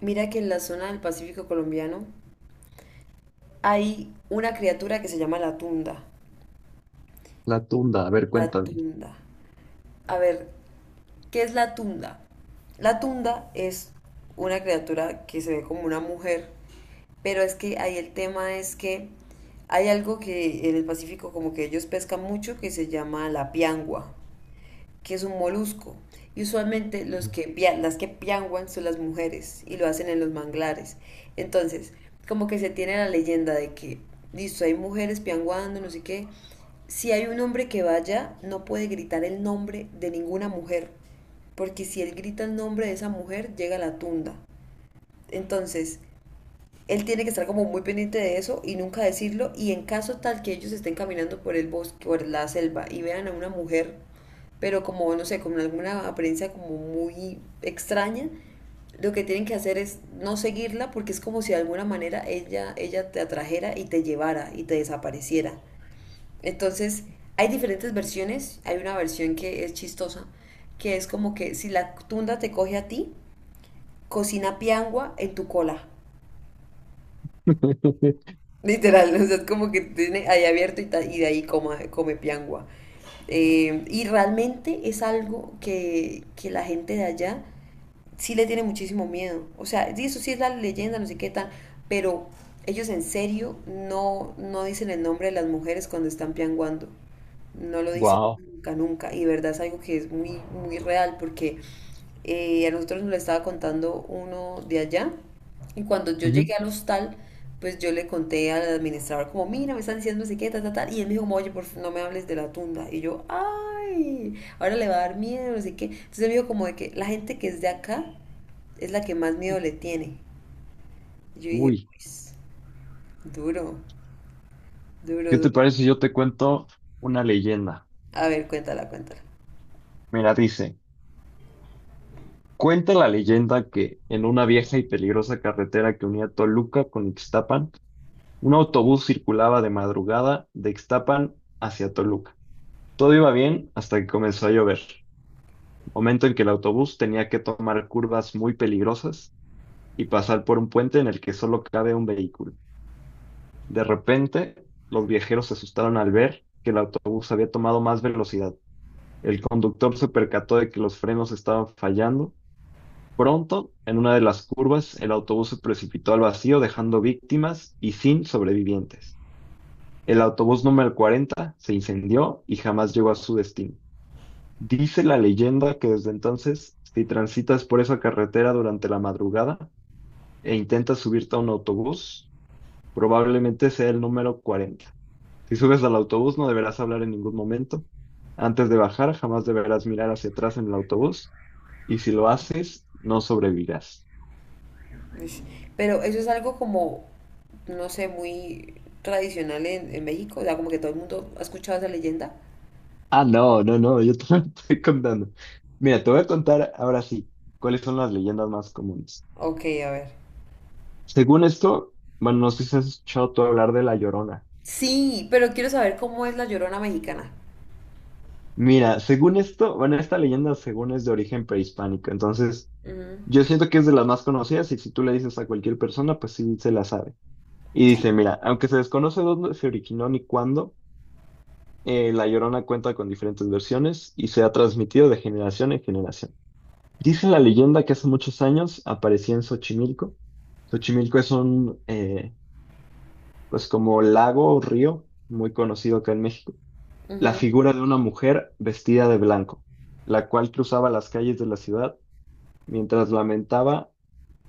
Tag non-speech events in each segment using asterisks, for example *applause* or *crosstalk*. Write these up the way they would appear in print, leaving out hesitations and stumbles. Mira que en la zona del Pacífico colombiano hay una criatura que se llama la tunda. La tunda, a ver, La cuéntame. tunda. A ver, ¿qué es la tunda? La tunda es una criatura que se ve como una mujer, pero es que ahí el tema es que hay algo que en el Pacífico como que ellos pescan mucho que se llama la piangua, que es un molusco. Y usualmente los que, las que pianguan son las mujeres y lo hacen en los manglares. Entonces, como que se tiene la leyenda de que, listo, hay mujeres pianguando, no sé qué. Si hay un hombre que vaya, no puede gritar el nombre de ninguna mujer, porque si él grita el nombre de esa mujer, llega a la tunda. Entonces, él tiene que estar como muy pendiente de eso y nunca decirlo. Y en caso tal que ellos estén caminando por el bosque, por la selva y vean a una mujer, pero como, no sé, con alguna apariencia como muy extraña, lo que tienen que hacer es no seguirla porque es como si de alguna manera ella te atrajera y te llevara y te desapareciera. Entonces, hay diferentes versiones. Hay una versión que es chistosa, que es como que si la tunda te coge a ti, cocina piangua en tu cola. *laughs* Literal, *laughs* o sea, es como que tiene ahí abierto y de ahí come piangua. Y realmente es algo que la gente de allá sí le tiene muchísimo miedo. O sea, sí, eso sí es la leyenda, no sé qué tal, pero ellos en serio no dicen el nombre de las mujeres cuando están pianguando. No lo dicen Wow. nunca, nunca. Y de verdad es algo que es muy, muy real porque a nosotros nos lo estaba contando uno de allá y cuando yo llegué al hostal, pues yo le conté al administrador como, mira, me están diciendo no sé qué, tal, tal, tal. Y él me dijo, como, oye, por favor, no me hables de la tunda. Y yo, ay, ahora le va a dar miedo, no sé qué. Entonces él me dijo como de que la gente que es de acá es la que más miedo le tiene. Y yo dije, Uy, pues, duro, duro, ¿qué duro. te parece si yo te cuento una leyenda? A ver, cuéntala, cuéntala. Mira, dice, cuenta la leyenda que en una vieja y peligrosa carretera que unía Toluca con Ixtapan, un autobús circulaba de madrugada de Ixtapan hacia Toluca. Todo iba bien hasta que comenzó a llover, momento en que el autobús tenía que tomar curvas muy peligrosas y pasar por un puente en el que solo cabe un vehículo. De repente, los viajeros se asustaron al ver que el autobús había tomado más velocidad. El conductor se percató de que los frenos estaban fallando. Pronto, en una de las curvas, el autobús se precipitó al vacío, dejando víctimas y sin sobrevivientes. El autobús número 40 se incendió y jamás llegó a su destino. Dice la leyenda que desde entonces, si transitas por esa carretera durante la madrugada e intentas subirte a un autobús, probablemente sea el número 40. Si subes al autobús, no deberás hablar en ningún momento. Antes de bajar, jamás deberás mirar hacia atrás en el autobús. Y si lo haces, no sobrevivirás. Ush. Pero eso es algo como, no sé, muy tradicional en México. O sea, como que todo el mundo ha escuchado esa leyenda. Ah, no, no, no, yo te *laughs* estoy contando. Mira, te voy a contar ahora sí cuáles son las leyendas más comunes. Ok, a ver. Según esto, bueno, no sé si has escuchado tú hablar de La Llorona. Sí, pero quiero saber cómo es la Llorona mexicana. Mira, según esto, bueno, esta leyenda según es de origen prehispánico. Entonces, Ujú. yo siento que es de las más conocidas y si tú le dices a cualquier persona, pues sí se la sabe. Y Sí. dice, mira, aunque se desconoce dónde se originó ni cuándo, La Llorona cuenta con diferentes versiones y se ha transmitido de generación en generación. Dice la leyenda que hace muchos años aparecía en Xochimilco. Xochimilco es un, pues como lago o río muy conocido acá en México. La Ujú. figura de una mujer vestida de blanco, la cual cruzaba las calles de la ciudad mientras lamentaba,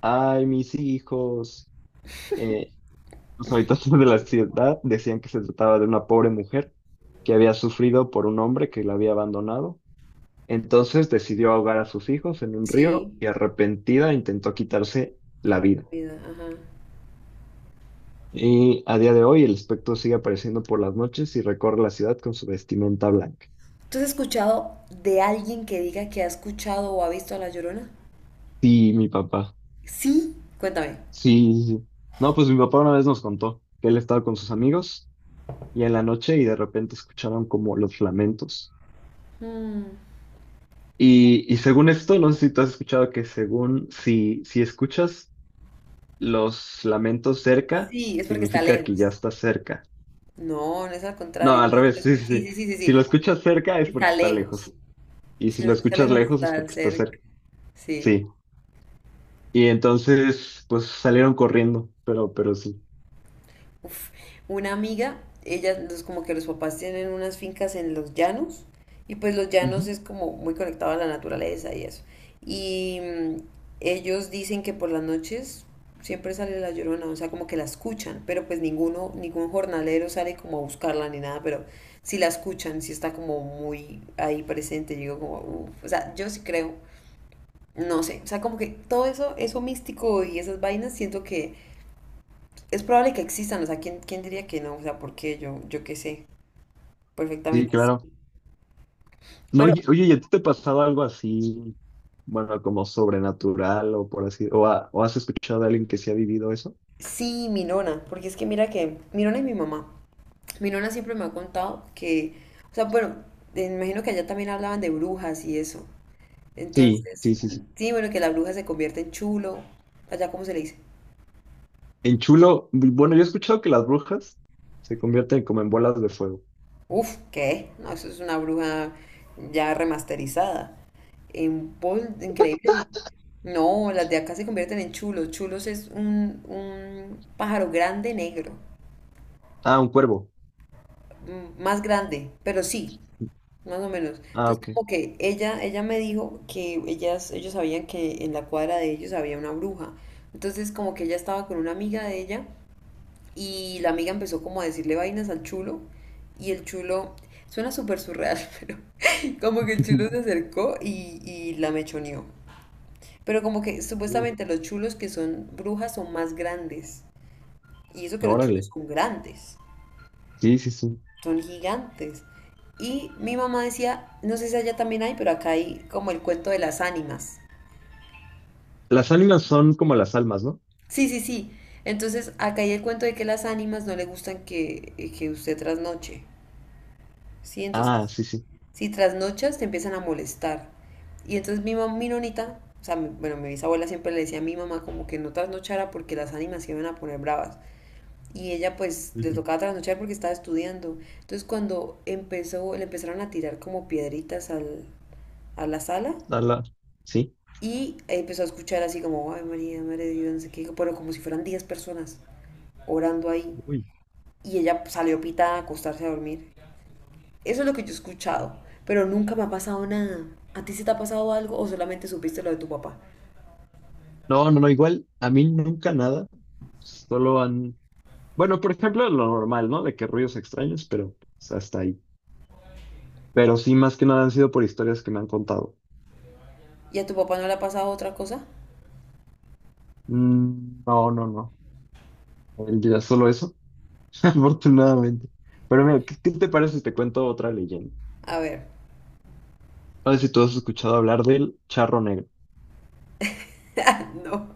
ay, mis hijos, eh, los habitantes de la ciudad decían que se trataba de una pobre mujer que había sufrido por un hombre que la había abandonado. Entonces decidió ahogar a sus hijos en un Sí. río y arrepentida intentó quitarse la vida. Cuida, ajá. Y a día de hoy el espectro sigue apareciendo por las noches y recorre la ciudad con su vestimenta blanca. ¿Tú has escuchado de alguien que diga que ha escuchado o ha visto a la Llorona? Sí, mi papá. Sí. Cuéntame. Sí, sí, sí. No, pues mi papá una vez nos contó que él estaba con sus amigos y en la noche y de repente escucharon como los lamentos. Mm. Y según esto, no sé si tú has escuchado que según si escuchas los lamentos cerca, Sí, es porque está significa que lejos. ya estás cerca. No, no es al No, contrario. Es al que si revés, sí, lo escu- sí, sí. Sí, sí, sí, sí, Si lo sí. escuchas cerca es porque Está está lejos. lejos. Y Si si lo lo escucha escuchas lejos, lejos es está porque está cerca. cerca. Sí. Sí. Y entonces, pues salieron corriendo, pero sí. Uf, una amiga, como que los papás tienen unas fincas en los llanos y pues los llanos Ujú. es como muy conectado a la naturaleza y eso. Y ellos dicen que por las noches siempre sale la llorona, o sea, como que la escuchan, pero pues ningún jornalero sale como a buscarla ni nada, pero si la escuchan, si está como muy ahí presente, yo digo como, uf, o sea, yo sí creo, no sé, o sea, como que todo eso, eso místico y esas vainas, siento que es probable que existan, o sea, ¿quién diría que no? O sea, ¿por qué? Yo qué sé, Sí, perfectamente sí. claro. No, Pero oye, oye, ¿y a ti te ha pasado algo así, bueno, como sobrenatural o por así, o, o has escuchado a alguien que sí ha vivido eso? sí, mi nona, porque es que mira que, mi nona y mi mamá, mi nona siempre me ha contado que, o sea, bueno, me imagino que allá también hablaban de brujas y eso. Sí, Entonces, sí, sí, sí. sí, bueno, que la bruja se convierte en chulo, allá cómo se le dice. En chulo, bueno, yo he escuchado que las brujas se convierten como en bolas de fuego. Uf, ¿qué? No, eso es una bruja ya remasterizada. En Paul, increíble. No, las de acá se convierten en chulos. Chulos es un pájaro grande negro, Ah, un cuervo. Más grande, pero sí, más o menos. Ah, Entonces, ok. como que ella me dijo que ellos sabían que en la cuadra de ellos había una bruja. Entonces, como que ella estaba con una amiga de ella y la amiga empezó como a decirle vainas al chulo y el chulo, suena súper surreal, *laughs* pero como que el chulo se *laughs* acercó y la mechoneó. Pero como que Uy, supuestamente los chulos que son brujas son más grandes. Y eso que los chulos órale. son grandes, Sí, sí, sí. son gigantes. Y mi mamá decía, no sé si allá también hay, pero acá hay como el cuento de las ánimas. Las ánimas son como las almas, ¿no? Sí, sí, sí. Entonces acá hay el cuento de que las ánimas no le gustan que usted trasnoche. Sí, entonces Ah, sí, sí. si trasnochas, te empiezan a molestar. Y entonces mi mamá, mi nonita, o sea, mi- bueno, mi bisabuela siempre le decía a mi mamá como que no trasnochara porque las ánimas se iban a poner bravas. Y ella pues le Ujú. tocaba trasnochar porque estaba estudiando. Entonces cuando empezó, le empezaron a tirar como piedritas a la sala Ala, sí. y empezó a escuchar así como, ay María, Madre de Dios, no sé qué, pero como si fueran 10 personas orando ahí. Uy. Y ella pues, salió pitada a acostarse a dormir. Eso es lo que yo he escuchado, pero nunca me ha pasado nada. ¿A ti se te ha pasado algo o solamente supiste lo de tu papá? No, no, no, igual a mí nunca nada. Solo han. Bueno, por ejemplo, lo normal, ¿no? De que ruidos extraños, pero pues, hasta ahí. Pero sí, más que nada han sido por historias que me han contado. ¿Y a tu papá no le ha pasado otra cosa? Mm, no, no, no. El día solo eso. *laughs* Afortunadamente. Pero mira, ¿Qué te parece si te cuento otra leyenda? A ver, A ver si tú has escuchado hablar del charro negro. *laughs* no.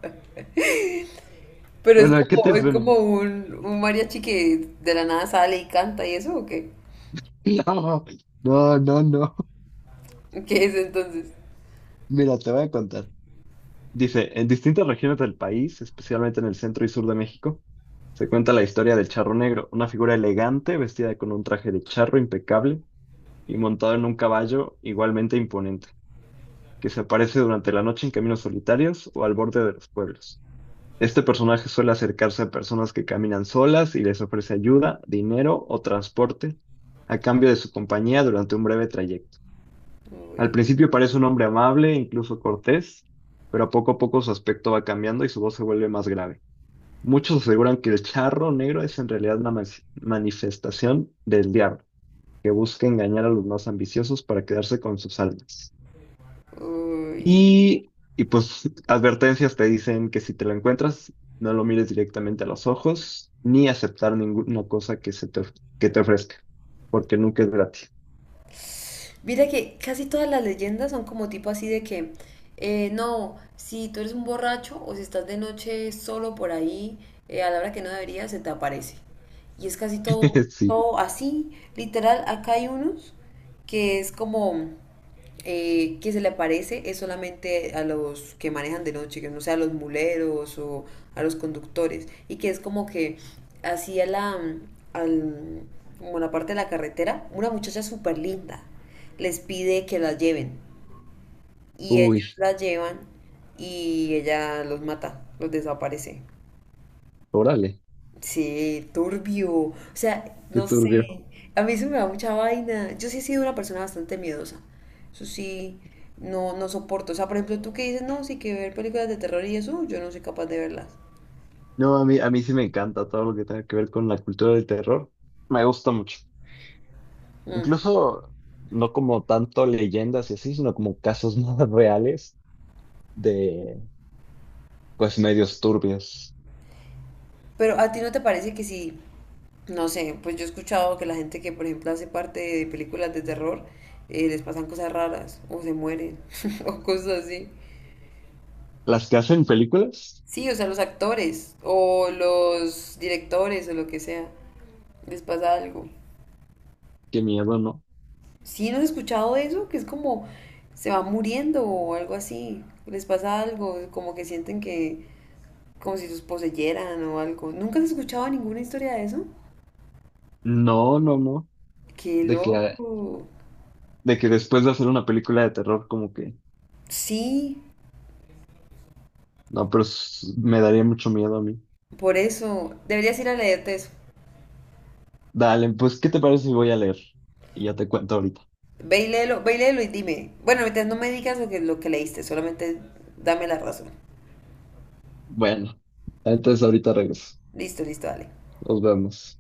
Pero Bueno, ¿qué te es suena? como *laughs* un mariachi que de la nada sale y canta y eso, ¿o qué? No, no, no, no. ¿Qué es entonces? Mira, te voy a contar. Dice, en distintas regiones del país, especialmente en el centro y sur de México, se cuenta la historia del charro negro, una figura elegante vestida con un traje de charro impecable y montado en un caballo igualmente imponente, que se aparece durante la noche en caminos solitarios o al borde de los pueblos. Este personaje suele acercarse a personas que caminan solas y les ofrece ayuda, dinero o transporte a cambio de su compañía durante un breve trayecto. Al Uy, principio parece un hombre amable, incluso cortés, pero poco a poco su aspecto va cambiando y su voz se vuelve más grave. Muchos aseguran que el charro negro es en realidad una manifestación del diablo, que busca engañar a los más ambiciosos para quedarse con sus almas. uy. Y pues advertencias te dicen que si te lo encuentras, no lo mires directamente a los ojos, ni aceptar ninguna cosa que se te, que te ofrezca, porque nunca es gratis. Mira que casi todas las leyendas son como tipo así de que, no, si tú eres un borracho o si estás de noche solo por ahí, a la hora que no deberías, se te aparece. Y es casi todo, *laughs* Sí. todo así, literal, acá hay unos que es como que se le aparece es solamente a los que manejan de noche, que no sea a los muleros o a los conductores, y que es como que hacía la, al, como la parte de la carretera, una muchacha súper linda les pide que la lleven, y ellos Uy, la llevan y ella los mata, los desaparece. órale, Sí, turbio. O sea, qué no sé. turbio. A mí se me da mucha vaina. Yo sí he sido una persona bastante miedosa. Eso sí, no soporto. O sea, por ejemplo, tú que dices, no, sí que ver películas de terror y eso, yo no soy capaz de verlas. No, a mí sí me encanta todo lo que tenga que ver con la cultura del terror. Me gusta mucho. Incluso no como tanto leyendas y así, sino como casos *laughs* más reales de, pues, medios turbios. Pero a ti no te parece que sí, no sé, pues yo he escuchado que la gente que, por ejemplo, hace parte de películas de terror, les pasan cosas raras, o se mueren, *laughs* o cosas así. Las que hacen películas, Sí, o sea, los actores, o los directores, o lo que sea, les pasa algo. qué miedo, ¿no? ¿Sí no has escuchado eso? Que es como se va muriendo o algo así. Les pasa algo, como que sienten que, como si los poseyeran o algo. ¿Nunca has escuchado ninguna historia de eso? No, no, no. Qué De que, loco. de que después de hacer una película de terror, como que, Sí, no, pero s- me daría mucho miedo a mí. por eso. Deberías ir a leerte eso. Dale, pues, ¿qué te parece si voy a leer? Y ya te cuento ahorita. Ve y léelo y dime. Bueno, ahorita no me digas lo que leíste, solamente dame la razón. Bueno, entonces ahorita regreso. Listo, listo, dale. Nos vemos.